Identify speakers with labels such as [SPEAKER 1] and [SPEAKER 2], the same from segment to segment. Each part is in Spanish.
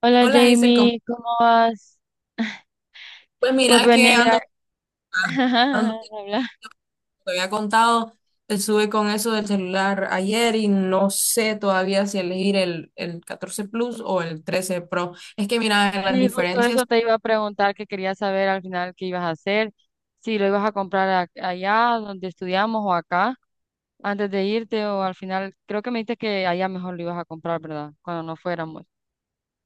[SPEAKER 1] Hola
[SPEAKER 2] Hola, Hazel, ¿cómo-?
[SPEAKER 1] Jamie, ¿cómo vas?
[SPEAKER 2] Pues
[SPEAKER 1] Pues
[SPEAKER 2] mira
[SPEAKER 1] venía
[SPEAKER 2] que
[SPEAKER 1] a mirar,
[SPEAKER 2] ah, ando, te
[SPEAKER 1] habla.
[SPEAKER 2] había contado, estuve con eso del celular ayer y no sé todavía si elegir el 14 Plus o el 13 Pro. Es que mira, las
[SPEAKER 1] Sí, justo eso
[SPEAKER 2] diferencias.
[SPEAKER 1] te iba a preguntar, que quería saber al final qué ibas a hacer, si lo ibas a comprar allá donde estudiamos o acá, antes de irte o al final, creo que me dijiste que allá mejor lo ibas a comprar, ¿verdad? Cuando no fuéramos.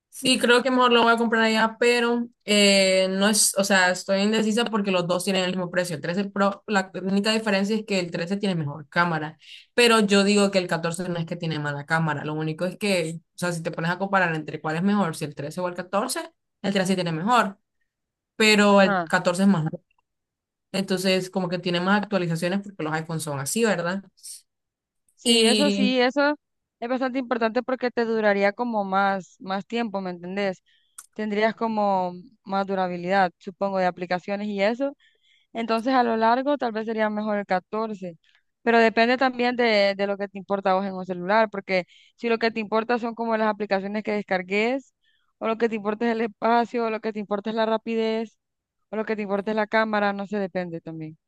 [SPEAKER 2] Sí, creo que mejor lo voy a comprar allá, pero no es, o sea, estoy indecisa porque los dos tienen el mismo precio. El 13 Pro, la única diferencia es que el 13 tiene mejor cámara, pero yo digo que el 14 no es que tiene mala cámara. Lo único es que, o sea, si te pones a comparar entre cuál es mejor, si el 13 o el 14, el 13 tiene mejor, pero el
[SPEAKER 1] Ajá.
[SPEAKER 2] 14 es más nuevo. Entonces, como que tiene más actualizaciones porque los iPhones son así, ¿verdad? Y
[SPEAKER 1] Sí, eso es bastante importante porque te duraría como más, más tiempo, ¿me entendés? Tendrías como más durabilidad, supongo, de aplicaciones y eso. Entonces a lo largo tal vez sería mejor el catorce, pero depende también de lo que te importa a vos en un celular, porque si lo que te importa son como las aplicaciones que descargues, o lo que te importa es el espacio, o lo que te importa es la rapidez, o lo que te importa es la cámara, no sé, depende también.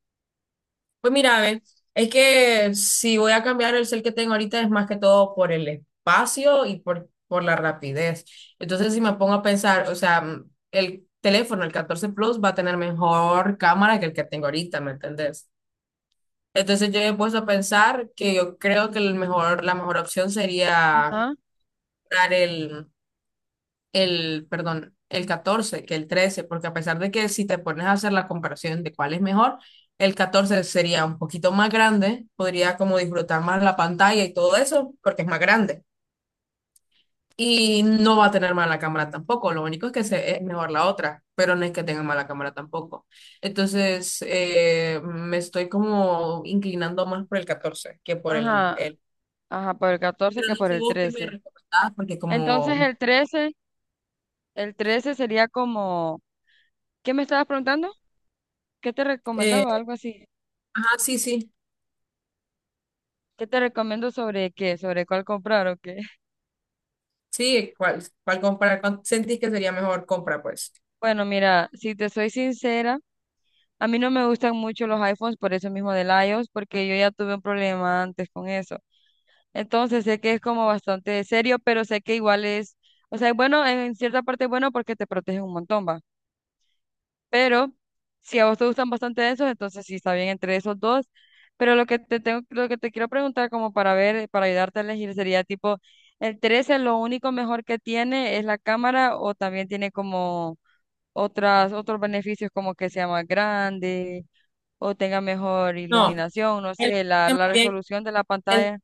[SPEAKER 2] Pues mira, a ver, es que si voy a cambiar el cel que tengo ahorita es más que todo por el espacio y por la rapidez. Entonces, si me pongo a pensar, o sea, el teléfono, el 14 Plus, va a tener mejor cámara que el que tengo ahorita, ¿me entendés? Entonces, yo he puesto a pensar que yo creo que el mejor, la mejor opción sería
[SPEAKER 1] Ajá,
[SPEAKER 2] comprar el 14 que el trece, porque a pesar de que si te pones a hacer la comparación de cuál es mejor, el 14 sería un poquito más grande, podría como disfrutar más la pantalla y todo eso, porque es más grande. Y no va a tener mala cámara tampoco, lo único es que se, es mejor la otra, pero no es que tenga mala cámara tampoco. Entonces, me estoy como inclinando más por el 14 que por el,
[SPEAKER 1] ajá.
[SPEAKER 2] el...
[SPEAKER 1] Ajá, por el 14
[SPEAKER 2] Pero
[SPEAKER 1] que
[SPEAKER 2] no
[SPEAKER 1] por
[SPEAKER 2] sé
[SPEAKER 1] el
[SPEAKER 2] vos qué me
[SPEAKER 1] trece.
[SPEAKER 2] recomendás, porque
[SPEAKER 1] Entonces
[SPEAKER 2] como...
[SPEAKER 1] el trece, el 13 sería como, ¿qué me estabas preguntando? ¿Qué te
[SPEAKER 2] eh,
[SPEAKER 1] recomendaba? Algo así.
[SPEAKER 2] ajá, sí, sí.
[SPEAKER 1] ¿Qué te recomiendo sobre qué? ¿Sobre cuál comprar o qué?
[SPEAKER 2] Sí, ¿cuál comprar? ¿Cuál sentís que sería mejor compra, pues?
[SPEAKER 1] Bueno, mira, si te soy sincera, a mí no me gustan mucho los iPhones por eso mismo del iOS, porque yo ya tuve un problema antes con eso. Entonces sé que es como bastante serio, pero sé que igual es, o sea, es bueno, en cierta parte es bueno porque te protege un montón, va. Pero si a vos te gustan bastante esos, entonces sí está bien entre esos dos. Pero lo que te tengo, lo que te quiero preguntar como para ver, para ayudarte a elegir sería tipo, el 13 lo único mejor que tiene es la cámara, o también tiene como otras, otros beneficios, como que sea más grande o tenga mejor
[SPEAKER 2] No,
[SPEAKER 1] iluminación, no
[SPEAKER 2] el,
[SPEAKER 1] sé, la
[SPEAKER 2] también,
[SPEAKER 1] resolución de la
[SPEAKER 2] el-
[SPEAKER 1] pantalla.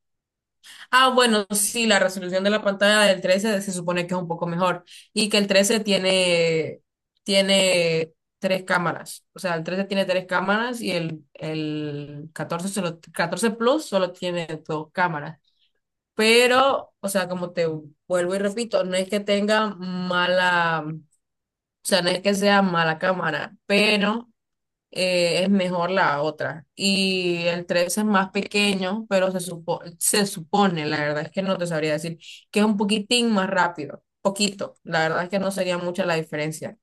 [SPEAKER 2] ah, bueno, sí, la resolución de la pantalla del 13 se supone que es un poco mejor y que el 13 tiene tres cámaras. O sea, el 13 tiene tres cámaras y el 14, solo, 14 Plus solo tiene dos cámaras. Pero, o sea, como te vuelvo y repito, no es que tenga mala, o sea, no es que sea mala cámara, pero es mejor la otra. Y el 3 es más pequeño, pero se supone, la verdad es que no te sabría decir, que es un poquitín más rápido, poquito. La verdad es que no sería mucha la diferencia.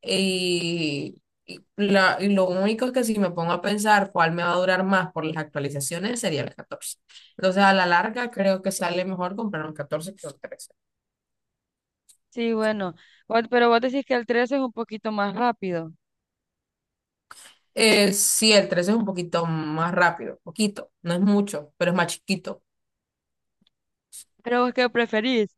[SPEAKER 2] Y lo único que si me pongo a pensar cuál me va a durar más por las actualizaciones sería el catorce. Entonces, a la larga, creo que sale mejor comprar un 14 que un trece.
[SPEAKER 1] Sí, bueno, pero vos decís que el 13 es un poquito más rápido.
[SPEAKER 2] Sí, el 13 es un poquito más rápido, poquito, no es mucho, pero es más chiquito.
[SPEAKER 1] Pero vos qué preferís,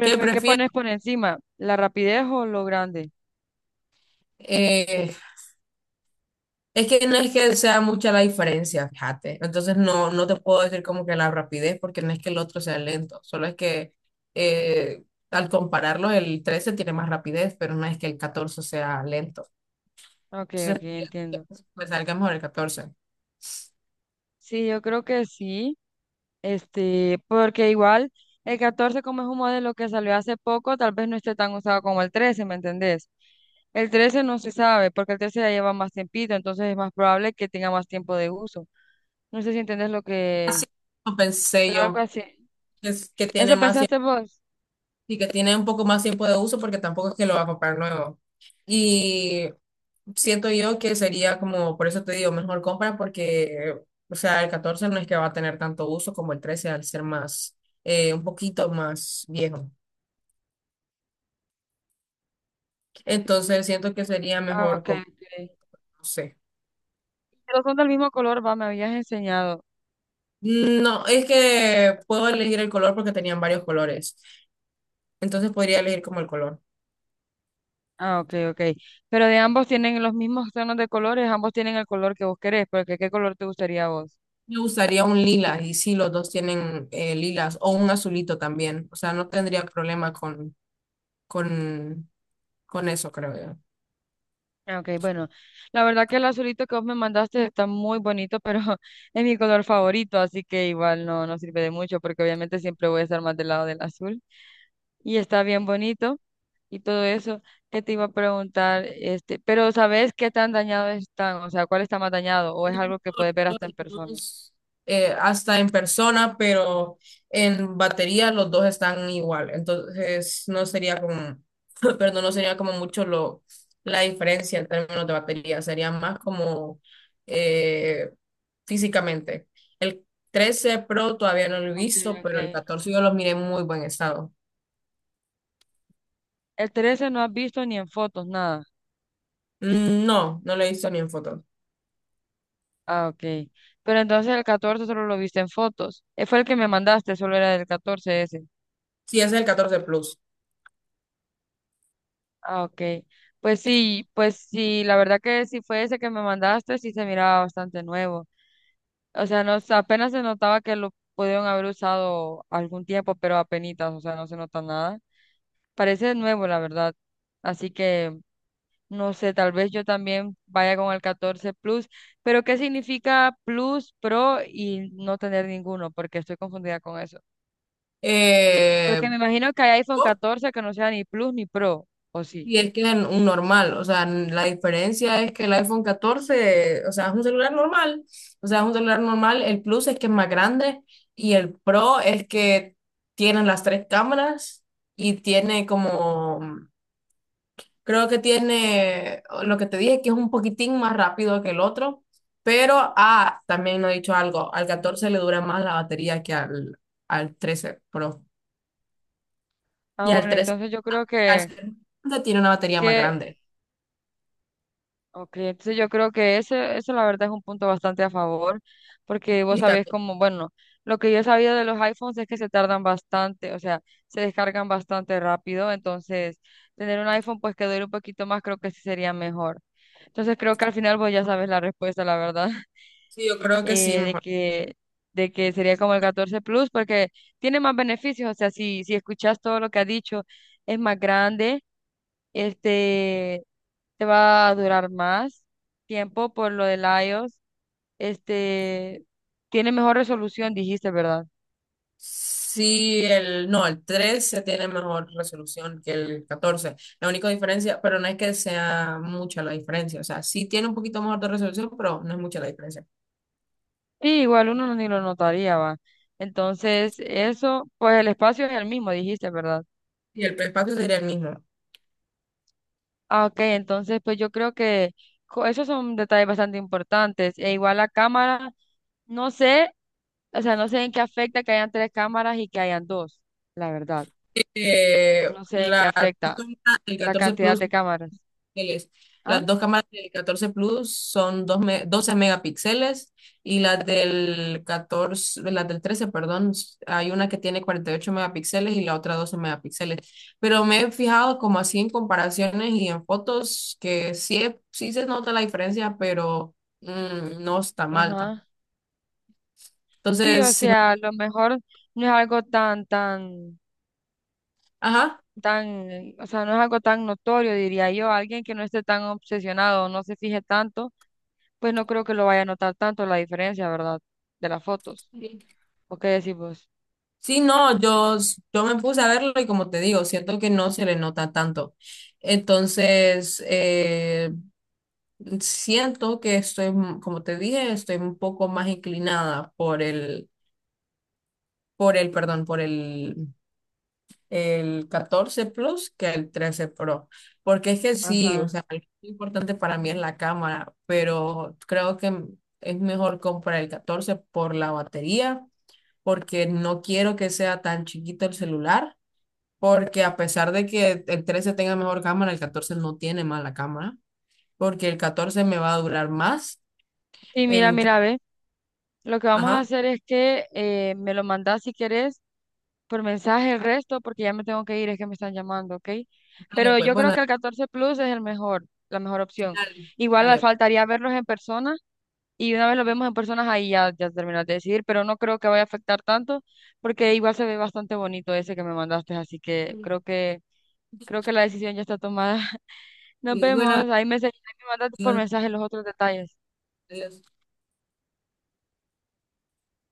[SPEAKER 2] ¿Qué
[SPEAKER 1] ¿qué
[SPEAKER 2] prefieres?
[SPEAKER 1] pones por encima? ¿La rapidez o lo grande?
[SPEAKER 2] Eh, es que no es que sea mucha la diferencia, fíjate. Entonces no te puedo decir como que la rapidez, porque no es que el otro sea lento, solo es que eh, al compararlo el 13 tiene más rapidez, pero no es que el 14 sea lento.
[SPEAKER 1] Ok, ok,
[SPEAKER 2] Entonces
[SPEAKER 1] entiendo.
[SPEAKER 2] me salga mejor el catorce.
[SPEAKER 1] Sí, yo creo que sí. Este, porque igual el catorce, como es un modelo que salió hace poco, tal vez no esté tan usado como el trece, ¿me entendés? El 13 no se sabe, porque el 13 ya lleva más tiempito, entonces es más probable que tenga más tiempo de uso. No sé si entendés lo que...
[SPEAKER 2] Así como pensé
[SPEAKER 1] Pero algo
[SPEAKER 2] yo,
[SPEAKER 1] así.
[SPEAKER 2] que
[SPEAKER 1] ¿Eso
[SPEAKER 2] tiene más tiempo
[SPEAKER 1] pensaste vos?
[SPEAKER 2] y que tiene un poco más tiempo de uso porque tampoco es que lo va a comprar nuevo. Siento yo que sería como, por eso te digo, mejor compra porque, o sea, el 14 no es que va a tener tanto uso como el 13 al ser más, un poquito más viejo. Entonces siento que sería
[SPEAKER 1] Ah,
[SPEAKER 2] mejor,
[SPEAKER 1] ok,
[SPEAKER 2] com-,
[SPEAKER 1] ok.
[SPEAKER 2] no sé.
[SPEAKER 1] Pero son del mismo color, va, me habías enseñado.
[SPEAKER 2] No, es que puedo elegir el color porque tenían varios colores. Entonces podría elegir como el color.
[SPEAKER 1] Ah, ok, ok. Pero de ambos, tienen los mismos tonos de colores, ambos tienen el color que vos querés, porque ¿qué color te gustaría a vos?
[SPEAKER 2] Me gustaría un lila y sí, los dos tienen lilas o un azulito también. O sea, no tendría problema con, con, con eso, creo yo.
[SPEAKER 1] Ah, ok, bueno, la verdad que el azulito que vos me mandaste está muy bonito, pero es mi color favorito, así que igual no, no sirve de mucho, porque obviamente siempre voy a estar más del lado del azul. Y está bien bonito y todo eso. ¿Qué te iba a preguntar? Este, pero ¿sabes qué tan dañado están? O sea, ¿cuál está más dañado? ¿O es algo que puedes ver hasta en persona?
[SPEAKER 2] Dos, hasta en persona, pero en batería los dos están igual. Entonces no sería como, perdón, no sería como mucho lo, la diferencia en términos de batería, sería más como eh, físicamente. El 13 Pro todavía no lo he
[SPEAKER 1] Ok,
[SPEAKER 2] visto,
[SPEAKER 1] ok.
[SPEAKER 2] pero el 14 yo lo miré en muy buen estado.
[SPEAKER 1] El 13 no has visto ni en fotos, nada.
[SPEAKER 2] Mm. No, no lo he visto ni en fotos.
[SPEAKER 1] Ah, ok. Pero entonces el 14 solo lo viste en fotos. Fue el que me mandaste, solo era del 14 ese.
[SPEAKER 2] Sí, ese es el catorce Plus.
[SPEAKER 1] Ah, ok. Pues sí, la verdad que si fue ese que me mandaste, sí se miraba bastante nuevo. O sea, no, apenas se notaba que lo pudieron haber usado algún tiempo, pero apenitas, o sea, no se nota nada. Parece nuevo, la verdad. Así que, no sé, tal vez yo también vaya con el 14 Plus, pero ¿qué significa Plus, Pro y no tener ninguno? Porque estoy confundida con eso.
[SPEAKER 2] Eh,
[SPEAKER 1] Porque me imagino que hay iPhone 14 que no sea ni Plus ni Pro, ¿o sí?
[SPEAKER 2] Y es que es un normal, o sea, la diferencia es que el iPhone catorce, o sea, es un celular normal, el Plus es que es más grande, y el Pro es que tienen las tres cámaras y tiene como, creo que tiene lo que te dije, que es un poquitín más rápido que el otro, pero, también no he dicho algo, al 14 le dura más la batería que al, al 13 Pro,
[SPEAKER 1] Ah,
[SPEAKER 2] y al
[SPEAKER 1] bueno,
[SPEAKER 2] trece
[SPEAKER 1] entonces yo creo
[SPEAKER 2] al
[SPEAKER 1] que...
[SPEAKER 2] trece tiene una batería más
[SPEAKER 1] que
[SPEAKER 2] grande.
[SPEAKER 1] Ok, entonces yo creo que ese, eso la verdad es un punto bastante a favor, porque vos
[SPEAKER 2] Y
[SPEAKER 1] sabés
[SPEAKER 2] también
[SPEAKER 1] como, bueno, lo que yo sabía de los iPhones es que se tardan bastante, o sea, se descargan bastante rápido, entonces tener un iPhone pues que dure un poquito más creo que sí sería mejor. Entonces creo que al final vos ya sabes la respuesta, la verdad,
[SPEAKER 2] Sí, yo creo que sí,
[SPEAKER 1] eh, de
[SPEAKER 2] mejor.
[SPEAKER 1] que, de que sería como el 14 Plus, porque tiene más beneficios, o sea, si, si escuchás todo lo que ha dicho, es más grande, este, te va a durar más tiempo por lo del iOS, este, tiene mejor resolución, dijiste, ¿verdad?
[SPEAKER 2] Sí, el, no, el 13 tiene mejor resolución que el catorce. La única diferencia, pero no es que sea mucha la diferencia. O sea, sí tiene un poquito mejor de resolución, pero no es mucha la diferencia.
[SPEAKER 1] Sí, igual uno ni lo notaría, va. Entonces, eso, pues el espacio es el mismo, dijiste, ¿verdad?
[SPEAKER 2] Y el espacio sería el mismo.
[SPEAKER 1] Ah, ok, entonces, pues yo creo que esos son detalles bastante importantes. E igual la cámara, no sé, o sea, no sé en qué afecta que hayan tres cámaras y que hayan dos, la verdad.
[SPEAKER 2] Eh,
[SPEAKER 1] No sé en qué
[SPEAKER 2] la,
[SPEAKER 1] afecta
[SPEAKER 2] el
[SPEAKER 1] la
[SPEAKER 2] 14
[SPEAKER 1] cantidad
[SPEAKER 2] Plus
[SPEAKER 1] de cámaras.
[SPEAKER 2] megapíxeles.
[SPEAKER 1] ¿Ah?
[SPEAKER 2] Las dos cámaras del 14 Plus son 12 megapíxeles, y las del 14 las del trece, perdón, hay una que tiene 48 megapíxeles y la otra 12 megapíxeles. Pero me he fijado como así en comparaciones y en fotos que sí, sí se nota la diferencia, pero no está mal tampoco.
[SPEAKER 1] Ajá. Sí,
[SPEAKER 2] Entonces,
[SPEAKER 1] o
[SPEAKER 2] sí, me-.
[SPEAKER 1] sea, a lo mejor no es algo tan, tan,
[SPEAKER 2] Ajá.
[SPEAKER 1] tan, o sea, no es algo tan notorio, diría yo. Alguien que no esté tan obsesionado, no se fije tanto, pues no creo que lo vaya a notar tanto la diferencia, ¿verdad? De las fotos. ¿O qué decís vos?
[SPEAKER 2] Sí, no, yo me puse a verlo y como te digo, siento que no se le nota tanto. Entonces, siento que estoy, como te dije, estoy un poco más inclinada por el 14 Plus que el 13 Pro. Porque es que sí, o
[SPEAKER 1] Ajá.
[SPEAKER 2] sea, lo importante para mí es la cámara, pero creo que es mejor comprar el 14 por la batería, porque no quiero que sea tan chiquito el celular, porque a pesar de que el 13 tenga mejor cámara, el 14 no tiene mala cámara, porque el 14 me va a durar más
[SPEAKER 1] Sí, mira,
[SPEAKER 2] en...
[SPEAKER 1] mira, ve. Lo que vamos a
[SPEAKER 2] Ajá.
[SPEAKER 1] hacer es que me lo mandás si querés por mensaje el resto, porque ya me tengo que ir, es que me están llamando, ¿ok?
[SPEAKER 2] Dale,
[SPEAKER 1] Pero
[SPEAKER 2] pues,
[SPEAKER 1] yo creo
[SPEAKER 2] bueno,
[SPEAKER 1] que el 14 Plus es el mejor, la mejor opción.
[SPEAKER 2] dale,
[SPEAKER 1] Igual le
[SPEAKER 2] dale.
[SPEAKER 1] faltaría verlos en persona. Y una vez lo vemos en personas, ahí ya, ya terminas de decidir, pero no creo que vaya a afectar tanto, porque igual se ve bastante bonito ese que me mandaste, así que creo que, creo que la decisión ya está tomada. Nos
[SPEAKER 2] Y bueno,
[SPEAKER 1] vemos, ahí me, ahí me mandas por
[SPEAKER 2] adiós.
[SPEAKER 1] mensaje los otros detalles.
[SPEAKER 2] Adiós.